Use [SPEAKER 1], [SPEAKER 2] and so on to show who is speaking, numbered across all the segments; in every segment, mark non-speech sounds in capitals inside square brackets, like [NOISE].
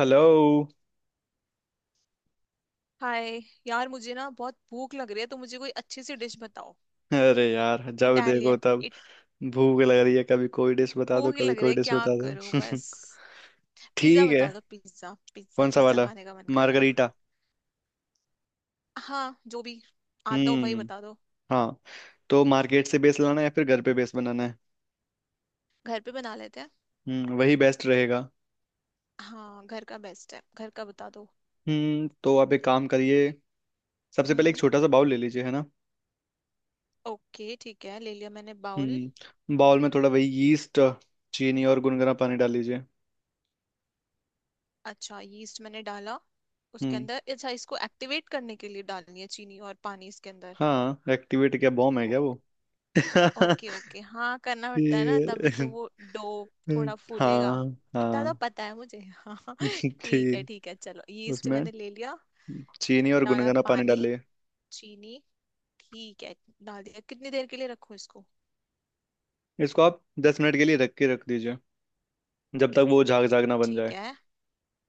[SPEAKER 1] Hello.
[SPEAKER 2] Hi. यार मुझे ना बहुत भूख लग रही है, तो मुझे कोई अच्छी सी डिश बताओ।
[SPEAKER 1] अरे यार, जब देखो
[SPEAKER 2] इटालियन
[SPEAKER 1] तब
[SPEAKER 2] इट।
[SPEAKER 1] भूख लग रही है। कभी कोई डिश बता दो,
[SPEAKER 2] भूख ही
[SPEAKER 1] कभी
[SPEAKER 2] लग रही
[SPEAKER 1] कोई
[SPEAKER 2] है,
[SPEAKER 1] डिश
[SPEAKER 2] क्या
[SPEAKER 1] बता
[SPEAKER 2] करूं
[SPEAKER 1] दो
[SPEAKER 2] बस।
[SPEAKER 1] [LAUGHS]
[SPEAKER 2] पिज्जा
[SPEAKER 1] ठीक है।
[SPEAKER 2] बता दो, पिज्जा पिज्जा
[SPEAKER 1] कौन सा
[SPEAKER 2] पिज्जा
[SPEAKER 1] वाला?
[SPEAKER 2] खाने का मन कर रहा है।
[SPEAKER 1] मार्गरीटा।
[SPEAKER 2] हाँ, जो भी आता हो वही
[SPEAKER 1] हम्म।
[SPEAKER 2] बता दो।
[SPEAKER 1] हाँ। तो मार्केट से बेस लाना है या फिर घर पे बेस बनाना है?
[SPEAKER 2] घर पे बना लेते हैं।
[SPEAKER 1] हम्म, वही बेस्ट रहेगा।
[SPEAKER 2] हाँ, घर का बेस्ट है, घर का बता दो।
[SPEAKER 1] हम्म, तो आप एक काम करिए, सबसे पहले एक
[SPEAKER 2] हम्म।
[SPEAKER 1] छोटा सा बाउल ले लीजिए, है ना।
[SPEAKER 2] ओके, ठीक है, ले लिया मैंने बाउल।
[SPEAKER 1] हम्म, बाउल में थोड़ा वही यीस्ट, चीनी और गुनगुना पानी डाल लीजिए।
[SPEAKER 2] अच्छा, यीस्ट मैंने डाला उसके
[SPEAKER 1] हम्म।
[SPEAKER 2] अंदर। अच्छा, इसको एक्टिवेट करने के लिए डालनी है चीनी और पानी इसके अंदर।
[SPEAKER 1] हाँ, एक्टिवेट क्या बॉम्ब है क्या वो? [LAUGHS]
[SPEAKER 2] ओके ओके, हाँ करना पड़ता है ना, तभी तो
[SPEAKER 1] ठीक
[SPEAKER 2] वो डो
[SPEAKER 1] है।
[SPEAKER 2] थोड़ा फूलेगा।
[SPEAKER 1] हाँ।
[SPEAKER 2] इतना तो
[SPEAKER 1] हाँ।
[SPEAKER 2] पता है मुझे। [LAUGHS] हाँ, ठीक है
[SPEAKER 1] ठीक
[SPEAKER 2] ठीक है, चलो यीस्ट
[SPEAKER 1] उसमें
[SPEAKER 2] मैंने ले लिया।
[SPEAKER 1] चीनी और
[SPEAKER 2] डाला
[SPEAKER 1] गुनगुना पानी
[SPEAKER 2] पानी,
[SPEAKER 1] डालिए।
[SPEAKER 2] चीनी, ठीक है, डाल दिया। कितनी देर के लिए रखूं इसको?
[SPEAKER 1] इसको आप 10 मिनट के लिए ढक के रख दीजिए, जब तक वो झाग झाग ना बन
[SPEAKER 2] ठीक
[SPEAKER 1] जाए।
[SPEAKER 2] है,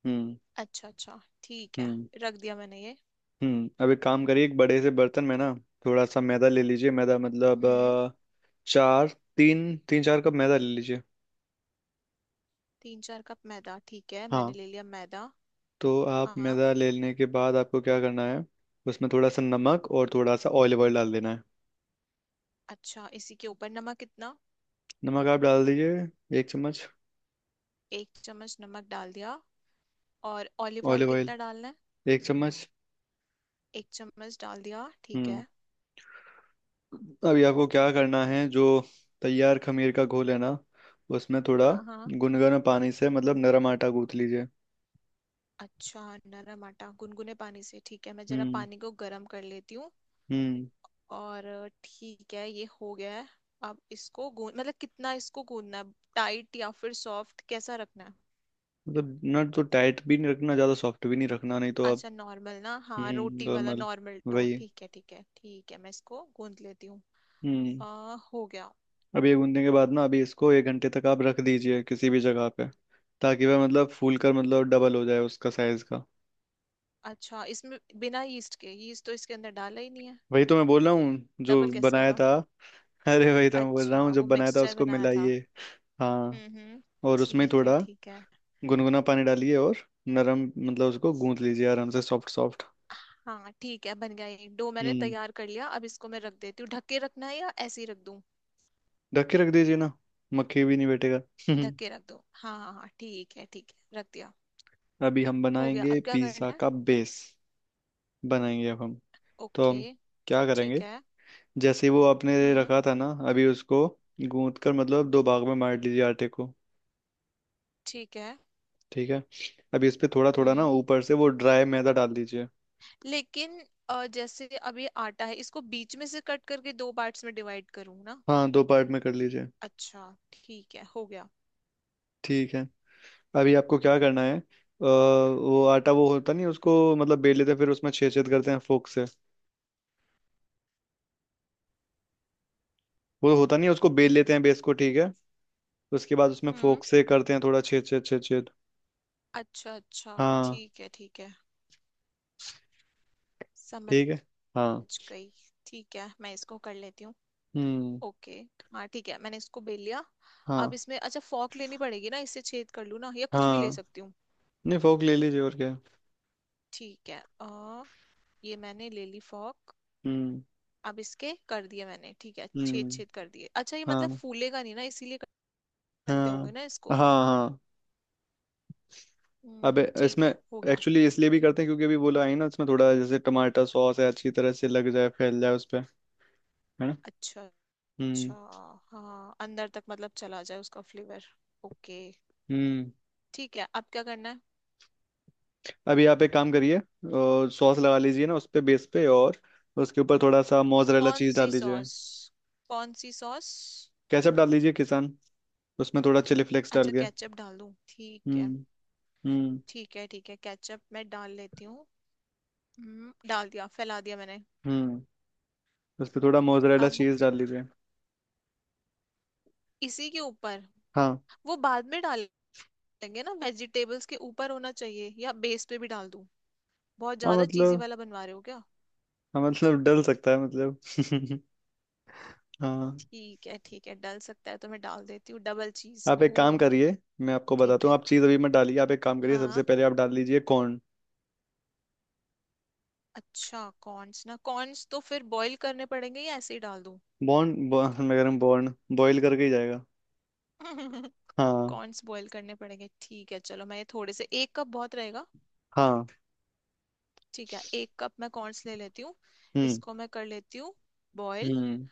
[SPEAKER 1] हम्म।
[SPEAKER 2] अच्छा अच्छा, ठीक है,
[SPEAKER 1] हम्म।
[SPEAKER 2] रख दिया मैंने ये।
[SPEAKER 1] हम्म, अब एक काम करिए, एक बड़े से बर्तन में ना थोड़ा सा मैदा ले लीजिए। मैदा मतलब
[SPEAKER 2] हम्म।
[SPEAKER 1] चार तीन तीन चार कप मैदा ले लीजिए।
[SPEAKER 2] 3 4 कप मैदा, ठीक है, मैंने
[SPEAKER 1] हाँ,
[SPEAKER 2] ले लिया मैदा।
[SPEAKER 1] तो आप
[SPEAKER 2] हाँ।
[SPEAKER 1] मैदा ले लेने के बाद आपको क्या करना है, उसमें थोड़ा सा नमक और थोड़ा सा ऑलिव ऑयल डाल देना है।
[SPEAKER 2] अच्छा, इसी के ऊपर नमक कितना?
[SPEAKER 1] नमक आप डाल दीजिए 1 चम्मच।
[SPEAKER 2] 1 चम्मच नमक डाल दिया। और ऑलिव ऑयल
[SPEAKER 1] ऑलिव ऑयल
[SPEAKER 2] कितना डालना है?
[SPEAKER 1] 1 चम्मच।
[SPEAKER 2] 1 चम्मच डाल दिया, ठीक
[SPEAKER 1] हम्म,
[SPEAKER 2] है।
[SPEAKER 1] अभी आपको क्या करना है, जो तैयार खमीर का घोल है ना, उसमें थोड़ा
[SPEAKER 2] हाँ हाँ।
[SPEAKER 1] गुनगुना पानी से मतलब नरम आटा गूंथ लीजिए।
[SPEAKER 2] अच्छा, नरम आटा गुनगुने पानी से, ठीक है, मैं जरा
[SPEAKER 1] हम्म।
[SPEAKER 2] पानी को गर्म कर लेती हूँ।
[SPEAKER 1] हम्म,
[SPEAKER 2] और ठीक है, ये हो गया है। अब इसको गून मतलब कितना इसको गूंदना है? टाइट या फिर सॉफ्ट, कैसा रखना है?
[SPEAKER 1] मतलब ना तो टाइट भी नहीं रखना, ज्यादा सॉफ्ट भी नहीं रखना, नहीं तो आप।
[SPEAKER 2] अच्छा नॉर्मल, ना हाँ,
[SPEAKER 1] हम्म,
[SPEAKER 2] रोटी वाला
[SPEAKER 1] नॉर्मल
[SPEAKER 2] नॉर्मल डो,
[SPEAKER 1] वही।
[SPEAKER 2] ठीक है ठीक है ठीक है, मैं इसको गूंद लेती हूँ।
[SPEAKER 1] हम्म,
[SPEAKER 2] आ, हो गया।
[SPEAKER 1] अब ये गूंदने के बाद ना अभी इसको 1 घंटे तक आप रख दीजिए किसी भी जगह पे, ताकि वह मतलब फूल कर मतलब डबल हो जाए उसका साइज का।
[SPEAKER 2] अच्छा इसमें बिना यीस्ट के, यीस्ट तो इसके अंदर डाला ही नहीं है,
[SPEAKER 1] वही तो मैं बोल रहा हूँ जो
[SPEAKER 2] डबल कैसे
[SPEAKER 1] बनाया
[SPEAKER 2] होगा?
[SPEAKER 1] था। [LAUGHS] अरे वही तो मैं बोल रहा
[SPEAKER 2] अच्छा
[SPEAKER 1] हूँ जो
[SPEAKER 2] वो
[SPEAKER 1] बनाया था,
[SPEAKER 2] मिक्सचर
[SPEAKER 1] उसको
[SPEAKER 2] बनाया था।
[SPEAKER 1] मिलाइए। हाँ।
[SPEAKER 2] हम्म,
[SPEAKER 1] और उसमें
[SPEAKER 2] ठीक है
[SPEAKER 1] थोड़ा
[SPEAKER 2] ठीक है।
[SPEAKER 1] गुनगुना पानी डालिए और नरम मतलब उसको गूंथ लीजिए, आराम से, सॉफ्ट सॉफ्ट।
[SPEAKER 2] हाँ ठीक है, बन गया ये डो, मैंने
[SPEAKER 1] हम्म,
[SPEAKER 2] तैयार कर लिया। अब इसको मैं रख देती हूँ। ढक के रखना है या ऐसे ही रख दूँ?
[SPEAKER 1] ढक के रख दीजिए ना, मक्खी भी नहीं बैठेगा [LAUGHS]
[SPEAKER 2] ढक के रख दो, हाँ हाँ हाँ, ठीक है ठीक है, रख दिया।
[SPEAKER 1] अभी हम
[SPEAKER 2] हो गया, अब
[SPEAKER 1] बनाएंगे
[SPEAKER 2] क्या
[SPEAKER 1] पिज्ज़ा
[SPEAKER 2] करना है?
[SPEAKER 1] का बेस, बनाएंगे अब हम। तो
[SPEAKER 2] ओके,
[SPEAKER 1] हम क्या
[SPEAKER 2] ठीक
[SPEAKER 1] करेंगे,
[SPEAKER 2] है।
[SPEAKER 1] जैसे ही वो आपने
[SPEAKER 2] हम्म,
[SPEAKER 1] रखा था ना अभी उसको गूंथ कर मतलब दो भाग में बांट लीजिए आटे को।
[SPEAKER 2] ठीक है।
[SPEAKER 1] ठीक है। अभी इस पे थोड़ा थोड़ा ना
[SPEAKER 2] हम्म,
[SPEAKER 1] ऊपर से वो ड्राई मैदा डाल दीजिए।
[SPEAKER 2] लेकिन जैसे अब ये आटा है, इसको बीच में से कट करके दो पार्ट्स में डिवाइड करूँ ना?
[SPEAKER 1] हाँ, दो पार्ट में कर लीजिए।
[SPEAKER 2] अच्छा, ठीक है, हो गया।
[SPEAKER 1] ठीक है, अभी आपको क्या करना है, वो आटा वो होता नहीं उसको मतलब बेल लेते हैं, फिर उसमें छेद छेद करते हैं फोक से। वो होता नहीं है, उसको बेल लेते हैं बेस को, ठीक है। उसके बाद उसमें
[SPEAKER 2] हम्म,
[SPEAKER 1] फोक से करते हैं थोड़ा छेद छेद छेद छेद।
[SPEAKER 2] अच्छा अच्छा,
[SPEAKER 1] हाँ।
[SPEAKER 2] ठीक है ठीक है, समझ
[SPEAKER 1] ठीक है। हाँ।
[SPEAKER 2] गई। ठीक है, मैं इसको कर लेती हूँ।
[SPEAKER 1] हम्म।
[SPEAKER 2] ओके। हाँ ठीक है, मैंने इसको बेल लिया। अब
[SPEAKER 1] हाँ।
[SPEAKER 2] इसमें, अच्छा, फॉक लेनी पड़ेगी ना, इससे छेद कर लूँ ना, या कुछ भी ले
[SPEAKER 1] हाँ।
[SPEAKER 2] सकती हूँ?
[SPEAKER 1] नहीं, फोक ले लीजिए और क्या।
[SPEAKER 2] ठीक है, अ, ये मैंने ले ली फॉक।
[SPEAKER 1] हम्म।
[SPEAKER 2] अब इसके कर दिए मैंने, ठीक है, छेद
[SPEAKER 1] हम्म।
[SPEAKER 2] छेद कर दिए। अच्छा ये मतलब
[SPEAKER 1] हाँ।
[SPEAKER 2] फूलेगा नहीं ना, इसीलिए करते होंगे
[SPEAKER 1] हाँ
[SPEAKER 2] ना
[SPEAKER 1] हाँ।
[SPEAKER 2] इसको।
[SPEAKER 1] हाँ। अबे
[SPEAKER 2] हम्म, ठीक
[SPEAKER 1] इसमें
[SPEAKER 2] है, हो गया।
[SPEAKER 1] एक्चुअली इसलिए भी करते हैं, क्योंकि अभी बोला है ना, इसमें थोड़ा जैसे टमाटर सॉस है अच्छी तरह से लग जाए, फैल जाए उस पर, है ना।
[SPEAKER 2] अच्छा अच्छा,
[SPEAKER 1] हम्म।
[SPEAKER 2] हाँ अंदर तक मतलब चला जाए उसका फ्लेवर। ओके,
[SPEAKER 1] हम्म।
[SPEAKER 2] ठीक है, अब क्या करना है?
[SPEAKER 1] अभी आप एक काम करिए, सॉस लगा लीजिए ना उस पे, बेस पे, और उसके ऊपर थोड़ा सा मोजरेला
[SPEAKER 2] कौन
[SPEAKER 1] चीज
[SPEAKER 2] सी
[SPEAKER 1] डाल दीजिए।
[SPEAKER 2] सॉस? कौन सी सॉस?
[SPEAKER 1] केचप डाल दीजिए किसान, उसमें थोड़ा चिली फ्लेक्स डाल
[SPEAKER 2] अच्छा
[SPEAKER 1] के।
[SPEAKER 2] केचप डाल दूं, ठीक है।
[SPEAKER 1] हम्म। हम्म।
[SPEAKER 2] ठीक है ठीक है, केचप मैं डाल लेती हूँ। डाल दिया, फैला दिया मैंने।
[SPEAKER 1] हम्म, उस पे थोड़ा मोजरेला
[SPEAKER 2] अब
[SPEAKER 1] चीज डाल दीजिए।
[SPEAKER 2] इसी के ऊपर
[SPEAKER 1] हाँ।
[SPEAKER 2] वो बाद में डालेंगे ना, वेजिटेबल्स के ऊपर होना चाहिए या बेस पे भी डाल दूँ? बहुत
[SPEAKER 1] हाँ
[SPEAKER 2] ज्यादा चीजी
[SPEAKER 1] मतलब,
[SPEAKER 2] वाला बनवा रहे हो क्या?
[SPEAKER 1] हाँ मतलब डल सकता है मतलब [LAUGHS] हाँ,
[SPEAKER 2] ठीक है ठीक है, डल सकता है तो मैं डाल देती हूँ। डबल चीज
[SPEAKER 1] आप
[SPEAKER 2] ओ।
[SPEAKER 1] एक काम करिए, मैं आपको
[SPEAKER 2] ठीक
[SPEAKER 1] बताता हूँ,
[SPEAKER 2] है,
[SPEAKER 1] आप चीज़ अभी मत डालिए, आप एक काम करिए, सबसे
[SPEAKER 2] हाँ।
[SPEAKER 1] पहले आप डाल दीजिए कॉर्न।
[SPEAKER 2] अच्छा, कॉर्न्स ना, कॉर्न्स तो फिर बॉईल करने पड़ेंगे या ऐसे ही डाल दूँ?
[SPEAKER 1] बॉर्न बॉर्न [LAUGHS] मैं कह रहा हूँ बॉर्न बॉईल करके ही जाएगा।
[SPEAKER 2] [LAUGHS]
[SPEAKER 1] हाँ।
[SPEAKER 2] कॉर्न्स बॉईल करने पड़ेंगे, ठीक है, चलो मैं ये थोड़े से, 1 कप बहुत रहेगा।
[SPEAKER 1] हाँ।
[SPEAKER 2] ठीक है, 1 कप मैं कॉर्नस ले लेती हूँ।
[SPEAKER 1] हम्म।
[SPEAKER 2] इसको मैं कर लेती हूँ बॉईल।
[SPEAKER 1] हम्म।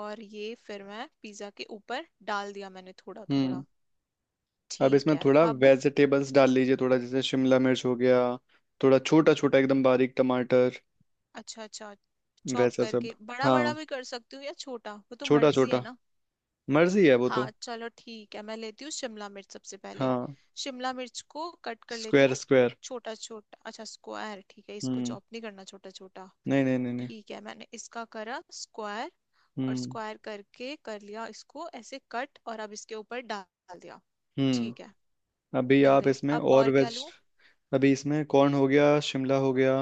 [SPEAKER 2] और ये फिर मैं पिज्ज़ा के ऊपर डाल दिया मैंने थोड़ा
[SPEAKER 1] हम्म,
[SPEAKER 2] थोड़ा।
[SPEAKER 1] अब
[SPEAKER 2] ठीक
[SPEAKER 1] इसमें
[SPEAKER 2] है,
[SPEAKER 1] थोड़ा
[SPEAKER 2] अब।
[SPEAKER 1] वेजिटेबल्स डाल लीजिए, थोड़ा जैसे शिमला मिर्च हो गया, थोड़ा छोटा छोटा एकदम बारीक टमाटर
[SPEAKER 2] अच्छा अच्छा, चॉप
[SPEAKER 1] वैसा सब।
[SPEAKER 2] करके बड़ा बड़ा
[SPEAKER 1] हाँ,
[SPEAKER 2] भी कर सकती हूँ या छोटा, वो तो
[SPEAKER 1] छोटा
[SPEAKER 2] मर्जी
[SPEAKER 1] छोटा,
[SPEAKER 2] है ना।
[SPEAKER 1] मर्जी है वो तो।
[SPEAKER 2] हाँ चलो ठीक है, मैं लेती हूँ शिमला मिर्च सबसे पहले।
[SPEAKER 1] हाँ,
[SPEAKER 2] शिमला मिर्च को कट कर लेती
[SPEAKER 1] स्क्वायर
[SPEAKER 2] हूँ।
[SPEAKER 1] स्क्वायर।
[SPEAKER 2] छोटा छोटा, अच्छा स्क्वायर, ठीक है, इसको
[SPEAKER 1] हम्म।
[SPEAKER 2] चॉप नहीं करना, छोटा छोटा।
[SPEAKER 1] नहीं नहीं नहीं नहीं।
[SPEAKER 2] ठीक है, मैंने इसका करा स्क्वायर। और
[SPEAKER 1] हम्म।
[SPEAKER 2] स्क्वायर करके कर लिया इसको ऐसे कट, और अब इसके ऊपर डाल दिया। ठीक है,
[SPEAKER 1] हम्म, अभी
[SPEAKER 2] डल
[SPEAKER 1] आप
[SPEAKER 2] गई,
[SPEAKER 1] इसमें
[SPEAKER 2] अब
[SPEAKER 1] और
[SPEAKER 2] और क्या
[SPEAKER 1] वेज,
[SPEAKER 2] लूं?
[SPEAKER 1] अभी इसमें कॉर्न हो गया, शिमला हो गया,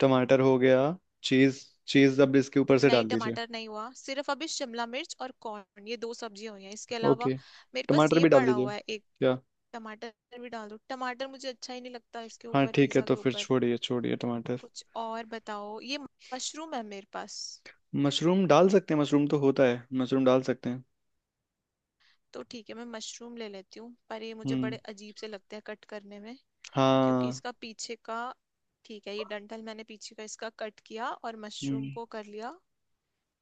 [SPEAKER 1] टमाटर हो गया, चीज, चीज अब इसके ऊपर से
[SPEAKER 2] नहीं,
[SPEAKER 1] डाल दीजिए।
[SPEAKER 2] टमाटर नहीं हुआ, सिर्फ अभी शिमला मिर्च और कॉर्न, ये दो सब्जियां हुई हैं। इसके अलावा
[SPEAKER 1] ओके,
[SPEAKER 2] मेरे पास
[SPEAKER 1] टमाटर
[SPEAKER 2] ये
[SPEAKER 1] भी डाल
[SPEAKER 2] पड़ा
[SPEAKER 1] दीजिए
[SPEAKER 2] हुआ है एक।
[SPEAKER 1] क्या?
[SPEAKER 2] टमाटर भी डाल दो? टमाटर मुझे अच्छा ही नहीं लगता इसके
[SPEAKER 1] हाँ
[SPEAKER 2] ऊपर,
[SPEAKER 1] ठीक है,
[SPEAKER 2] पिज्जा
[SPEAKER 1] तो
[SPEAKER 2] के
[SPEAKER 1] फिर
[SPEAKER 2] ऊपर,
[SPEAKER 1] छोड़िए छोड़िए टमाटर।
[SPEAKER 2] कुछ और बताओ। ये मशरूम है मेरे पास।
[SPEAKER 1] मशरूम डाल सकते हैं, मशरूम तो होता है, मशरूम डाल सकते हैं।
[SPEAKER 2] तो ठीक है, मैं मशरूम ले लेती हूँ, पर ये मुझे बड़े
[SPEAKER 1] हम्म।
[SPEAKER 2] अजीब से लगते हैं कट करने में, क्योंकि
[SPEAKER 1] हाँ।
[SPEAKER 2] इसका पीछे का। ठीक है, ये डंठल मैंने पीछे का इसका कट किया, और मशरूम
[SPEAKER 1] हम्म।
[SPEAKER 2] को कर लिया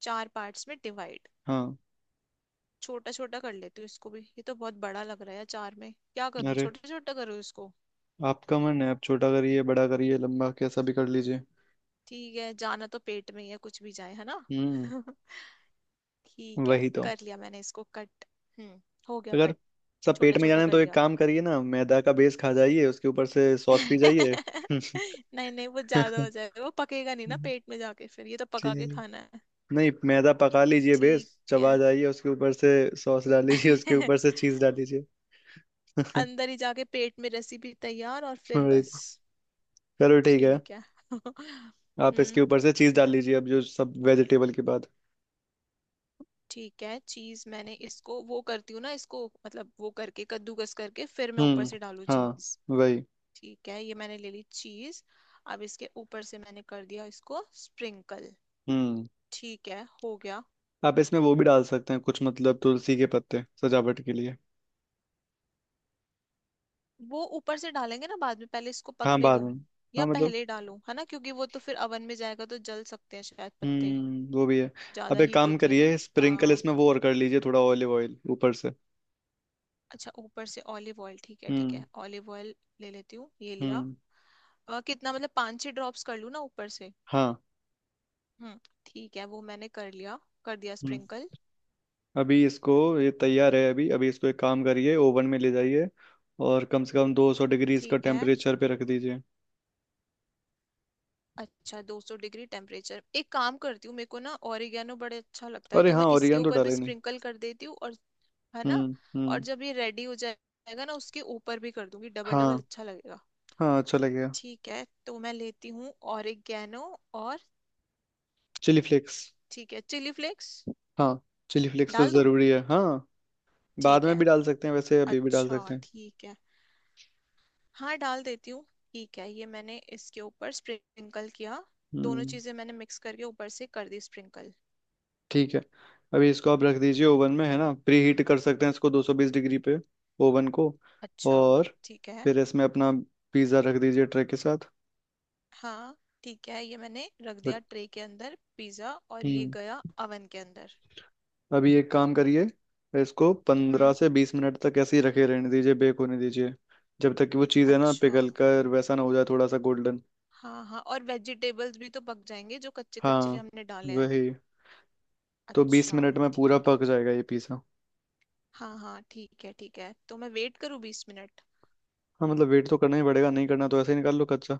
[SPEAKER 2] चार पार्ट्स में डिवाइड।
[SPEAKER 1] हाँ।
[SPEAKER 2] छोटा छोटा कर लेती हूँ इसको भी, ये तो बहुत बड़ा लग रहा है चार में, क्या करूँ
[SPEAKER 1] अरे
[SPEAKER 2] छोटा छोटा करूँ इसको।
[SPEAKER 1] आपका मन है, आप छोटा करिए, बड़ा करिए, लंबा कैसा भी कर लीजिए।
[SPEAKER 2] ठीक है, जाना तो पेट में ही है, कुछ भी जाए, है ना।
[SPEAKER 1] हम्म।
[SPEAKER 2] [LAUGHS] ठीक है,
[SPEAKER 1] वही तो।
[SPEAKER 2] कर लिया मैंने इसको कट। हम्म, हो गया
[SPEAKER 1] अगर
[SPEAKER 2] कट।
[SPEAKER 1] सब पेट
[SPEAKER 2] छोटा
[SPEAKER 1] में जाना
[SPEAKER 2] छोटा
[SPEAKER 1] है
[SPEAKER 2] कर
[SPEAKER 1] तो एक
[SPEAKER 2] लिया।
[SPEAKER 1] काम करिए ना, मैदा का बेस खा जाइए, उसके ऊपर से सॉस पी जाइए।
[SPEAKER 2] [LAUGHS] नहीं नहीं, वो ज्यादा हो
[SPEAKER 1] [LAUGHS]
[SPEAKER 2] जाएगा, वो पकेगा नहीं ना पेट में जाके, फिर ये तो पका के
[SPEAKER 1] ठीक।
[SPEAKER 2] खाना है।
[SPEAKER 1] नहीं मैदा पका लीजिए, बेस
[SPEAKER 2] ठीक है।
[SPEAKER 1] चबा जाइए, उसके ऊपर से सॉस डाल लीजिए, उसके ऊपर
[SPEAKER 2] [LAUGHS]
[SPEAKER 1] से चीज डाल लीजिए [LAUGHS]
[SPEAKER 2] अंदर ही जाके पेट में रेसिपी तैयार, और फिर
[SPEAKER 1] वही
[SPEAKER 2] बस।
[SPEAKER 1] तो। चलो ठीक है।
[SPEAKER 2] ठीक है। [LAUGHS]
[SPEAKER 1] आप इसके
[SPEAKER 2] हम्म।
[SPEAKER 1] ऊपर से चीज डाल लीजिए अब, जो सब वेजिटेबल के बाद।
[SPEAKER 2] ठीक है, चीज मैंने इसको, वो करती हूँ ना इसको मतलब, वो करके कद्दूकस करके फिर मैं ऊपर
[SPEAKER 1] हम्म।
[SPEAKER 2] से डालू
[SPEAKER 1] हाँ।
[SPEAKER 2] चीज।
[SPEAKER 1] वही।
[SPEAKER 2] ठीक है, ये मैंने ले ली चीज। अब इसके ऊपर से मैंने कर दिया इसको स्प्रिंकल।
[SPEAKER 1] हम्म,
[SPEAKER 2] ठीक है, हो गया।
[SPEAKER 1] आप इसमें वो भी डाल सकते हैं कुछ मतलब तुलसी के पत्ते सजावट के लिए।
[SPEAKER 2] वो ऊपर से डालेंगे ना बाद में, पहले इसको
[SPEAKER 1] हाँ
[SPEAKER 2] पकने
[SPEAKER 1] बाद
[SPEAKER 2] दूं
[SPEAKER 1] में।
[SPEAKER 2] या
[SPEAKER 1] हाँ मतलब।
[SPEAKER 2] पहले डालूं, है ना, क्योंकि वो तो फिर अवन में जाएगा तो जल सकते हैं शायद पत्ते,
[SPEAKER 1] हम्म, वो भी है।
[SPEAKER 2] ज्यादा
[SPEAKER 1] अब एक
[SPEAKER 2] हीट
[SPEAKER 1] काम
[SPEAKER 2] होती है ना।
[SPEAKER 1] करिए, स्प्रिंकल
[SPEAKER 2] हाँ,
[SPEAKER 1] इसमें वो और कर लीजिए, थोड़ा ऑलिव ऑयल ऊपर से।
[SPEAKER 2] अच्छा ऊपर से ऑलिव ऑयल, ठीक है ठीक है,
[SPEAKER 1] हम्म।
[SPEAKER 2] ऑलिव ऑयल ले लेती हूँ, ये लिया।
[SPEAKER 1] हम्म।
[SPEAKER 2] कितना मतलब, 5 6 ड्रॉप्स कर लूँ ना ऊपर से?
[SPEAKER 1] हाँ।
[SPEAKER 2] हम्म, ठीक है, वो मैंने कर लिया, कर दिया
[SPEAKER 1] हम्म,
[SPEAKER 2] स्प्रिंकल।
[SPEAKER 1] अभी इसको, ये तैयार है, अभी अभी इसको एक काम करिए ओवन में ले जाइए और कम से कम 200 डिग्री इसका
[SPEAKER 2] ठीक है,
[SPEAKER 1] टेम्परेचर पे रख दीजिए।
[SPEAKER 2] अच्छा 200 डिग्री टेम्परेचर। एक काम करती हूँ, मेरे को ना ओरिगेनो बड़े अच्छा लगता है,
[SPEAKER 1] अरे
[SPEAKER 2] तो मैं
[SPEAKER 1] हाँ,
[SPEAKER 2] इसके
[SPEAKER 1] ओरिगेनो तो
[SPEAKER 2] ऊपर
[SPEAKER 1] डाला
[SPEAKER 2] भी
[SPEAKER 1] ही नहीं।
[SPEAKER 2] स्प्रिंकल कर देती हूँ। और है ना,
[SPEAKER 1] हम्म।
[SPEAKER 2] और
[SPEAKER 1] हम्म।
[SPEAKER 2] जब ये रेडी हो जाएगा ना उसके ऊपर भी कर दूंगी, डबल
[SPEAKER 1] हाँ।
[SPEAKER 2] डबल अच्छा लगेगा।
[SPEAKER 1] हाँ अच्छा लगेगा।
[SPEAKER 2] ठीक है, तो मैं लेती हूँ ओरिगेनो। और
[SPEAKER 1] चिली फ्लेक्स।
[SPEAKER 2] ठीक है चिली फ्लेक्स,
[SPEAKER 1] हाँ, चिली फ्लेक्स तो
[SPEAKER 2] डाल दूँ?
[SPEAKER 1] जरूरी है, हाँ। बाद
[SPEAKER 2] ठीक
[SPEAKER 1] में
[SPEAKER 2] है,
[SPEAKER 1] भी डाल सकते हैं, वैसे अभी भी डाल
[SPEAKER 2] अच्छा
[SPEAKER 1] सकते हैं।
[SPEAKER 2] ठीक है, हाँ डाल देती हूँ। ठीक है, ये मैंने इसके ऊपर स्प्रिंकल किया। दोनों
[SPEAKER 1] हम्म।
[SPEAKER 2] चीजें मैंने मिक्स करके ऊपर से कर दी स्प्रिंकल।
[SPEAKER 1] ठीक है, अभी इसको आप रख दीजिए ओवन में, है ना, प्री हीट कर सकते हैं इसको 220 डिग्री पे ओवन को,
[SPEAKER 2] अच्छा,
[SPEAKER 1] और
[SPEAKER 2] ठीक है।
[SPEAKER 1] फिर इसमें अपना पिज़्ज़ा रख दीजिए ट्रे के साथ।
[SPEAKER 2] हाँ ठीक है, ये मैंने रख दिया
[SPEAKER 1] रख-।
[SPEAKER 2] ट्रे के अंदर पिज्जा, और ये
[SPEAKER 1] हम्म,
[SPEAKER 2] गया अवन के अंदर।
[SPEAKER 1] अभी एक काम करिए, इसको पंद्रह
[SPEAKER 2] हम्म।
[SPEAKER 1] से बीस मिनट तक ऐसे ही रखे रहने दीजिए, बेक होने दीजिए, जब तक कि वो चीज़ है ना
[SPEAKER 2] अच्छा,
[SPEAKER 1] पिघल कर वैसा ना हो जाए, थोड़ा सा गोल्डन।
[SPEAKER 2] हाँ हाँ, और वेजिटेबल्स भी तो पक जाएंगे जो कच्चे कच्चे
[SPEAKER 1] हाँ,
[SPEAKER 2] हमने डाले हैं।
[SPEAKER 1] वही तो, बीस
[SPEAKER 2] अच्छा।
[SPEAKER 1] मिनट में पूरा
[SPEAKER 2] ठीक है,
[SPEAKER 1] पक जाएगा ये पिज़्ज़ा।
[SPEAKER 2] हाँ हाँ, ठीक है ठीक है, तो मैं वेट करूँ 20 मिनट?
[SPEAKER 1] हाँ मतलब वेट तो करना ही पड़ेगा, नहीं करना तो ऐसे ही निकाल लो कच्चा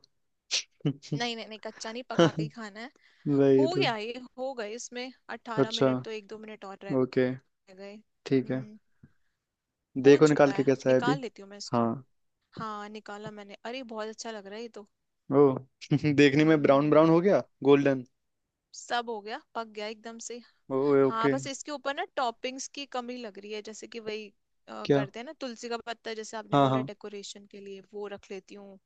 [SPEAKER 1] [LAUGHS]
[SPEAKER 2] नहीं नहीं नहीं, कच्चा नहीं, पका के ही खाना है।
[SPEAKER 1] वही
[SPEAKER 2] हो
[SPEAKER 1] तो।
[SPEAKER 2] गया, ये हो गए इसमें अट्ठारह
[SPEAKER 1] अच्छा।
[SPEAKER 2] मिनट तो 1 2 मिनट और रह
[SPEAKER 1] ओके।
[SPEAKER 2] गए।
[SPEAKER 1] ठीक है।
[SPEAKER 2] हम्म, हो
[SPEAKER 1] देखो
[SPEAKER 2] चुका
[SPEAKER 1] निकाल के
[SPEAKER 2] है,
[SPEAKER 1] कैसा है
[SPEAKER 2] निकाल
[SPEAKER 1] अभी।
[SPEAKER 2] लेती हूँ मैं इसको।
[SPEAKER 1] हाँ।
[SPEAKER 2] हाँ, निकाला मैंने, अरे बहुत अच्छा लग रहा है ये तो।
[SPEAKER 1] ओ [LAUGHS] देखने में ब्राउन ब्राउन
[SPEAKER 2] हम्म,
[SPEAKER 1] हो गया, गोल्डन।
[SPEAKER 2] सब हो गया, पक गया एकदम से।
[SPEAKER 1] ओए
[SPEAKER 2] हाँ,
[SPEAKER 1] ओके।
[SPEAKER 2] बस इसके ऊपर ना टॉपिंग्स की कमी लग रही है, जैसे कि वही,
[SPEAKER 1] क्या?
[SPEAKER 2] करते हैं ना तुलसी का पत्ता जैसे आपने
[SPEAKER 1] हाँ
[SPEAKER 2] बोला,
[SPEAKER 1] हाँ।
[SPEAKER 2] डेकोरेशन के लिए वो रख लेती हूँ।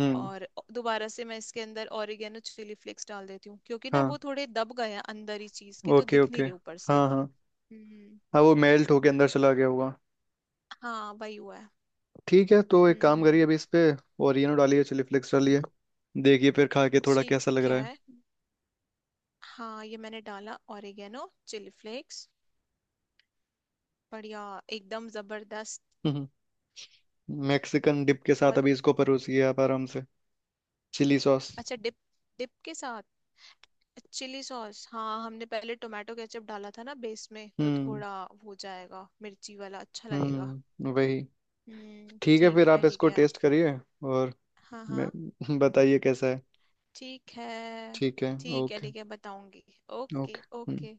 [SPEAKER 1] हम्म।
[SPEAKER 2] और दोबारा से मैं इसके अंदर ऑरिगेनो चिली फ्लेक्स डाल देती हूँ, क्योंकि ना वो
[SPEAKER 1] हाँ।
[SPEAKER 2] थोड़े दब गए हैं अंदर ही चीज के, तो
[SPEAKER 1] ओके
[SPEAKER 2] दिख
[SPEAKER 1] ओके।
[SPEAKER 2] नहीं रहे ऊपर से।
[SPEAKER 1] हाँ हाँ।
[SPEAKER 2] हम्म,
[SPEAKER 1] हाँ, वो मेल्ट होके अंदर चला गया होगा।
[SPEAKER 2] हाँ वही हुआ है।
[SPEAKER 1] ठीक है, तो एक काम करिए,
[SPEAKER 2] हम्म,
[SPEAKER 1] अभी इस पे ओरिएनो डालिए, चिली फ्लेक्स डालिए, देखिए फिर खा के थोड़ा कैसा लग
[SPEAKER 2] ठीक
[SPEAKER 1] रहा
[SPEAKER 2] है। हाँ ये मैंने डाला ओरिगेनो चिली फ्लेक्स। बढ़िया, एकदम जबरदस्त।
[SPEAKER 1] है। [LAUGHS] मैक्सिकन डिप के साथ
[SPEAKER 2] बहुत
[SPEAKER 1] अभी इसको परोसिए आप आराम से। Chilli sauce.
[SPEAKER 2] अच्छा। डिप, डिप के साथ, चिली सॉस, हाँ, हमने पहले टोमेटो केचप डाला था ना बेस में, तो
[SPEAKER 1] हम्म।
[SPEAKER 2] थोड़ा हो जाएगा मिर्ची वाला, अच्छा लगेगा।
[SPEAKER 1] हम्म, वही।
[SPEAKER 2] हम्म,
[SPEAKER 1] ठीक है,
[SPEAKER 2] ठीक
[SPEAKER 1] फिर
[SPEAKER 2] है
[SPEAKER 1] आप
[SPEAKER 2] ठीक
[SPEAKER 1] इसको
[SPEAKER 2] है।
[SPEAKER 1] टेस्ट करिए, और
[SPEAKER 2] हाँ
[SPEAKER 1] मैं
[SPEAKER 2] हाँ,
[SPEAKER 1] [LAUGHS] बताइए कैसा है।
[SPEAKER 2] ठीक है
[SPEAKER 1] ठीक है।
[SPEAKER 2] ठीक है।
[SPEAKER 1] ओके
[SPEAKER 2] ठीक है, बताऊंगी। Okay
[SPEAKER 1] okay. हम्म।
[SPEAKER 2] ओके।